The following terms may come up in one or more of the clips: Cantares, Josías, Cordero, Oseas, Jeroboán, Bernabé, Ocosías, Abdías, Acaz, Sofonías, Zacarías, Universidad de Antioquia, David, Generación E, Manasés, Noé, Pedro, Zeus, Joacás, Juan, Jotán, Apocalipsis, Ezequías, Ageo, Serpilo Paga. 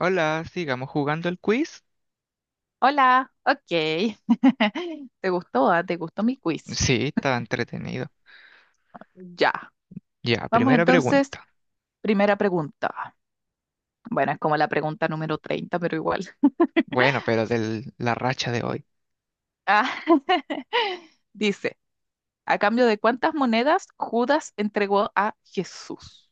Hola, sigamos jugando el quiz. Hola, ok. ¿Te gustó? ¿Ah? ¿Te gustó mi quiz? Sí, está entretenido. Ya. Ya, Vamos primera entonces, pregunta. primera pregunta. Bueno, es como la pregunta número 30, pero igual. Bueno, pero de la racha de hoy. Ah, dice, ¿a cambio de cuántas monedas Judas entregó a Jesús?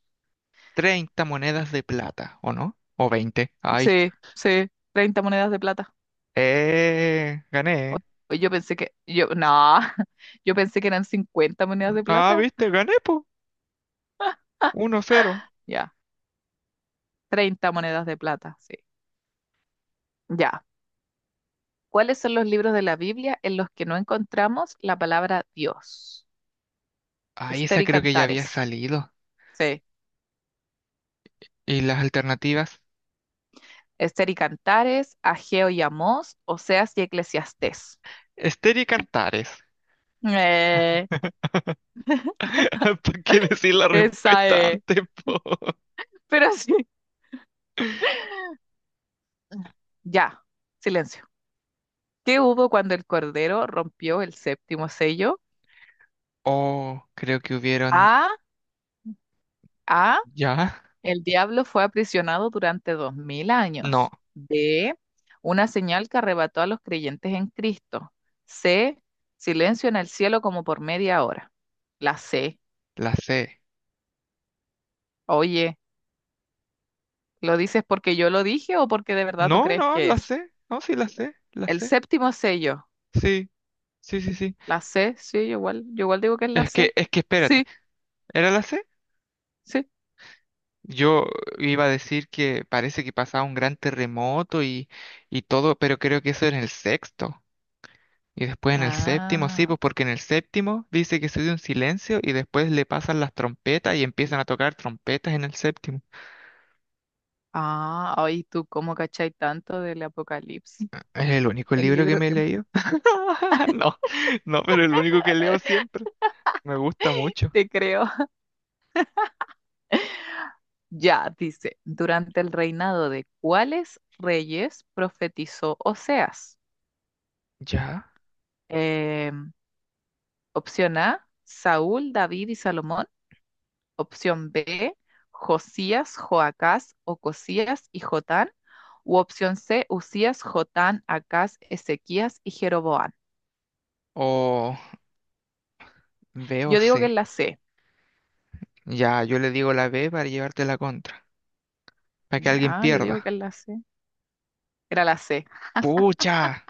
30 monedas de plata, ¿o no? ¿O 20? Ay. Sí, sí, 30 monedas de plata. Gané. Pues yo pensé que, yo, no, yo pensé que eran 50 monedas de Ah, plata. viste, gané, po. Ah, 1-0. ya, 30 monedas de plata, sí. Ya. ¿Cuáles son los libros de la Biblia en los que no encontramos la palabra Dios? Ay, Esther esa y creo que ya había Cantares. salido. Sí. ¿Y las alternativas? Esther y Cantares, Ageo y Amós, Oseas y Eclesiastés. Esther y Cantares. Eh, ¿Para qué decir la esa respuesta es. antes, po? Pero sí. Ya, silencio. ¿Qué hubo cuando el Cordero rompió el séptimo sello? Oh, creo que hubieron... A, A, ¿Ya? el diablo fue aprisionado durante 2000 No, años. D, una señal que arrebató a los creyentes en Cristo. C, silencio en el cielo como por media hora. La C, la C. oye, ¿lo dices porque yo lo dije o porque de verdad tú No, crees no, que la es? C. No, sí, la El C. séptimo sello, Sí, sí, sí, sí. la C, sí, yo igual digo que es la Es que, C. es que espérate, Sí, ¿era la C? sí. Yo iba a decir que parece que pasaba un gran terremoto y todo, pero creo que eso era en el sexto. Y después en el séptimo, sí, Ah, pues porque en el séptimo dice que se dio un silencio y después le pasan las trompetas y empiezan a tocar trompetas en el séptimo. ah, ay, tú cómo cachai tanto del Apocalipsis, Es el único el libro que libro me he que leído. No, no, pero el único que leo siempre. Me gusta mucho. te creo. Ya, dice, durante el reinado de cuáles reyes profetizó Oseas. ¿Ya? Em, opción A, Saúl, David y Salomón. Opción B, Josías, Joacás, Ocosías y Jotán. U opción C, Usías, Jotán, Acaz, Ezequías y Jeroboán. O... B o Yo digo que es C. la C. Ya, yo le digo la B para llevarte la contra, para que alguien Ya, yo digo que es pierda. la C. Era la C. ¡Pucha!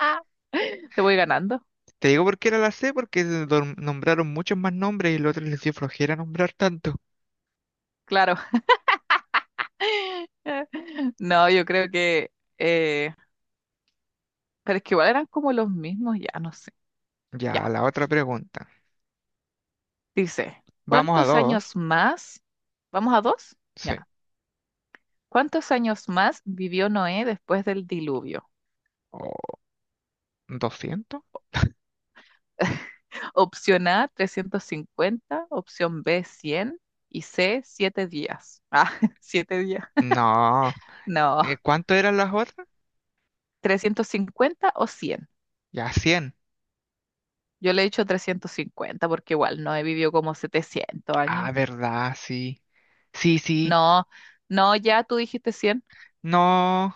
Te voy ganando. Te digo por qué era la C, porque nombraron muchos más nombres y los otros les dio flojera nombrar tanto. Claro. No, yo creo que, eh, pero es que igual eran como los mismos, ya no sé. Ya. Ya, la otra pregunta. Dice, Vamos a ¿cuántos dos. años más? ¿Vamos a dos? Sí. Ya. ¿Cuántos años más vivió Noé después del diluvio? ¿O 200? Opción A, 350. Opción B, 100. Y C, 7 días. Ah, 7 días. No. No, ¿Cuánto eran las otras? 350 o 100. Ya, 100. Yo le he dicho 350 porque igual Noé vivió como 700 Ah, años. verdad, sí. Sí, sí. No, no, ya tú dijiste 100. No.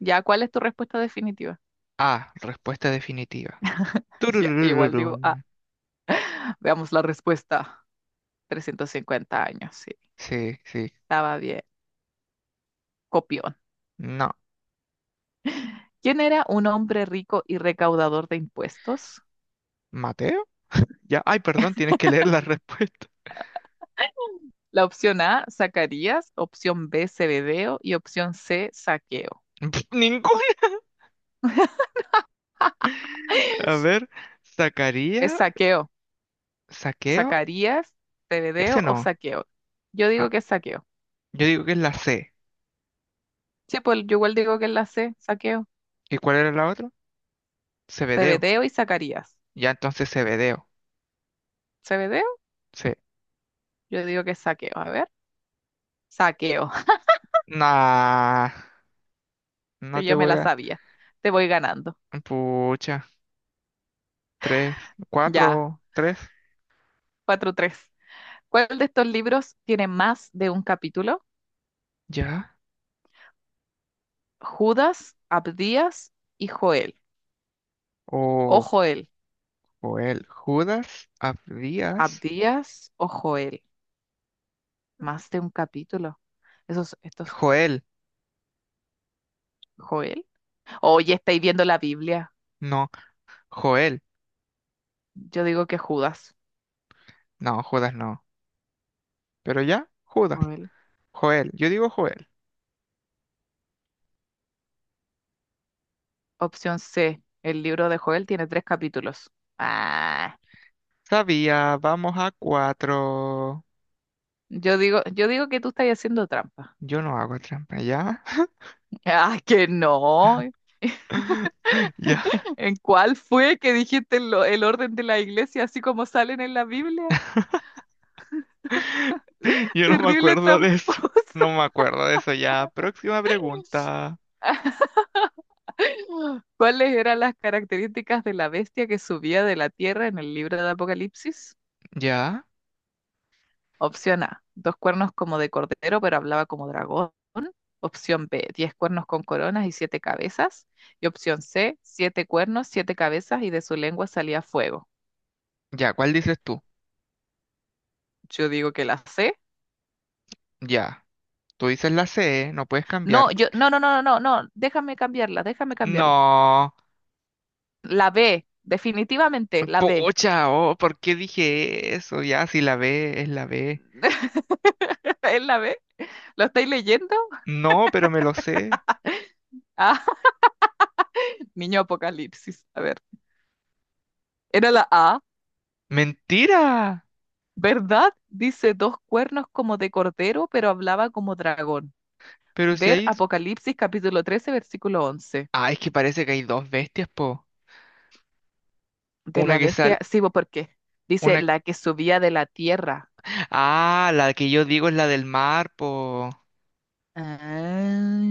Ya, ¿cuál es tu respuesta definitiva? Ah, respuesta definitiva. Ya, igual digo, Turururururun. veamos la respuesta. 350 años, sí. Sí, sí. Estaba bien, copión. No. ¿Quién era un hombre rico y recaudador de impuestos? ¿Maté? Ya, ay, perdón, tienes que leer la respuesta. La opción A, Zacarías, opción B, Zebedeo y opción C, Saqueo. Ninguna. A ver, Es sacaría, Saqueo. saqueo, ¿Zacarías, Zebedeo ese o no. Saqueo? Yo Ah, digo que es Saqueo. yo digo que es la C. Sí, pues yo igual digo que es la C, Saqueo. ¿Y cuál era la otra? Cebedeo. Zebedeo y Zacarías. Ya entonces Cebedeo. ¿Zebedeo? Sí. Yo digo que es Saqueo. A ver, Saqueo. Nah, no Pero te yo me voy la a. sabía. Te voy ganando. Pucha, tres, Ya, 4-3. 4-3. ¿Cuál de estos libros tiene más de un capítulo? Ya. Judas, Abdías y Joel. O O Joel. Joel. Judas, Abdías. Abdías o Joel. Más de un capítulo. Esos, estos, Joel. Joel. Oye, estáis viendo la Biblia. No, Joel. Yo digo que Judas. No, Judas no. Pero ya, Judas. Joel. Joel. Yo digo Joel. Opción C. El libro de Joel tiene tres capítulos. Ah, Sabía, vamos a cuatro. yo digo, que tú estás haciendo trampa. Yo no hago trampa, ¿ya? Ah, que no. Ya. ¿En cuál fue que dijiste el orden de la iglesia así como salen en la Biblia? Yo no me Terrible acuerdo de eso. No tramposo. me acuerdo de eso ya. Próxima pregunta. ¿Cuáles eran las características de la bestia que subía de la tierra en el libro de Apocalipsis? ¿Ya? Opción A, dos cuernos como de cordero, pero hablaba como dragón. Opción B, 10 cuernos con coronas y siete cabezas. Y opción C, siete cuernos, siete cabezas y de su lengua salía fuego. ¿Ya? ¿Cuál dices tú? Yo digo que la C. Ya. Tú dices la C, no puedes No, cambiar. yo, no, no, no, no, no, no, déjame cambiarla, déjame cambiarla. No. La B, definitivamente, la B. Pocha, oh, ¿por qué dije eso? Ya, si la B es la B. ¿Es la B? ¿Lo estáis leyendo? No, pero me lo sé. Ah, niño Apocalipsis. A ver. Era la A, Mentira. ¿verdad? Dice dos cuernos como de cordero, pero hablaba como dragón. Pero si Ver hay... Apocalipsis capítulo 13 versículo 11. Ah, es que parece que hay dos bestias, po. De Una la que sale... bestia, sí, bo, porque dice la que subía de la tierra. Ah, la que yo digo es la del mar, po.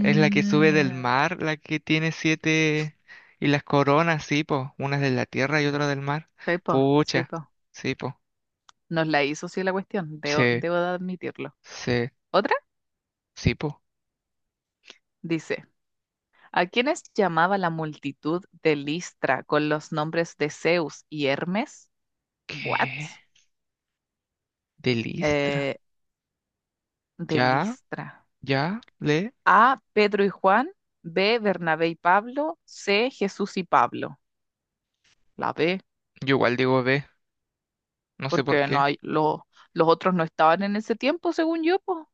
Es la que sube del mar, la que tiene siete y las coronas, sí, po. Una es de la tierra y otra del mar. sí, po, sí, Pucha, po. sí, po. Nos la hizo, sí, la cuestión, debo, Sí, debo de admitirlo. sí, Otra sí, po. dice, ¿a quiénes llamaba la multitud de Listra con los nombres de Zeus y Hermes? What? ¿Qué? De Listra. Eh, de Ya, Listra. ya, le. A, Pedro y Juan, B, Bernabé y Pablo, C, Jesús y Pablo. La B, Yo igual digo ve, no sé por porque no qué. hay, los otros no estaban en ese tiempo, según yo, pues.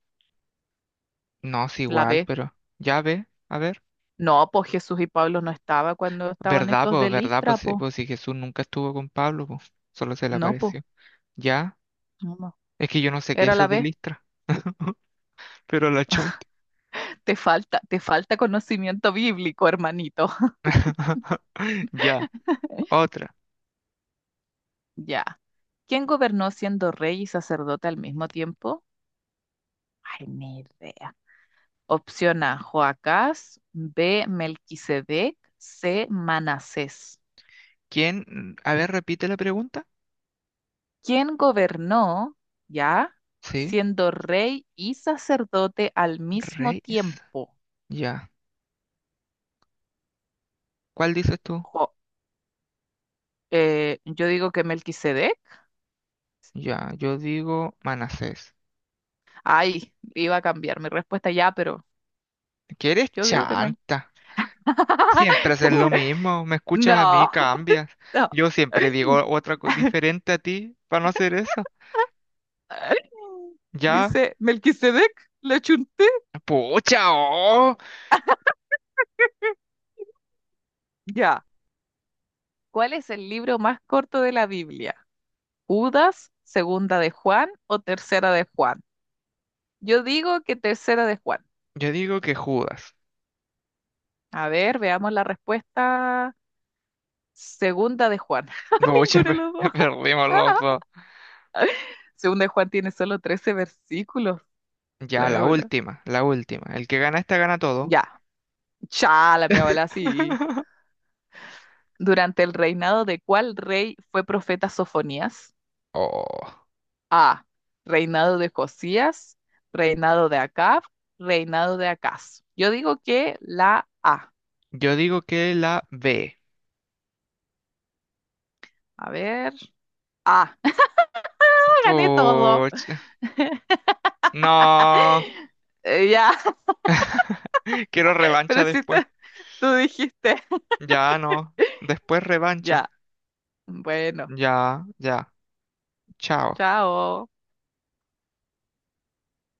No, es La igual, B. pero ya ve, a ver. No, pues Jesús y Pablo no estaba cuando estaban ¿Verdad, estos po? de ¿Verdad, po? Listra, Sí, pues. po, si Jesús nunca estuvo con Pablo, po. Solo se le No, pues. apareció. Ya, No, no. es que yo no sé qué es Era eso la de B. Listra. Pero la chunta. Te falta conocimiento bíblico, hermanito. Ya, otra. Ya. ¿Quién gobernó siendo rey y sacerdote al mismo tiempo? Ay, ni idea. Opción A, Joacás, B, Melquisedec, C, Manasés. ¿Quién? A ver, repite la pregunta. ¿Quién gobernó, ya, Sí, siendo rey y sacerdote al mismo Reyes. tiempo? Ya. ¿Cuál dices tú? Jo- yo digo que Melquisedec. Ya, yo digo Manasés. Ay, iba a cambiar mi respuesta ya, pero ¿Qué eres yo digo que Mel. chanta? Siempre haces lo mismo. Me escuchas a mí, No, cambias. no. Yo siempre digo otra diferente a ti para no hacer eso. Ya. Dice Melquisedec, lo chunté. Pucha, oh. Ya. ¿Cuál es el libro más corto de la Biblia? Judas, segunda de Juan o tercera de Juan. Yo digo que tercera de Juan. Yo digo que Judas. A ver, veamos la respuesta. Segunda de Juan. Ninguno Pucha, de los dos. perdimos los dos. Segunda de Juan tiene solo 13 versículos. La Ya, mi la abuela. última, la última. El que gana esta gana todo. Ya. Cha, la mi abuela, sí. ¿Durante el reinado de cuál rey fue profeta Sofonías? Oh, A. Reinado de Josías. Reinado de Acab. Reinado de Acaz. Yo digo que la A. yo digo que la B. A ver. A. Gané todo. Puch, no. Ya, Quiero revancha pero si después. Tú dijiste, Ya no. Después revancha. ya, bueno, Ya, ya. Chao. chao.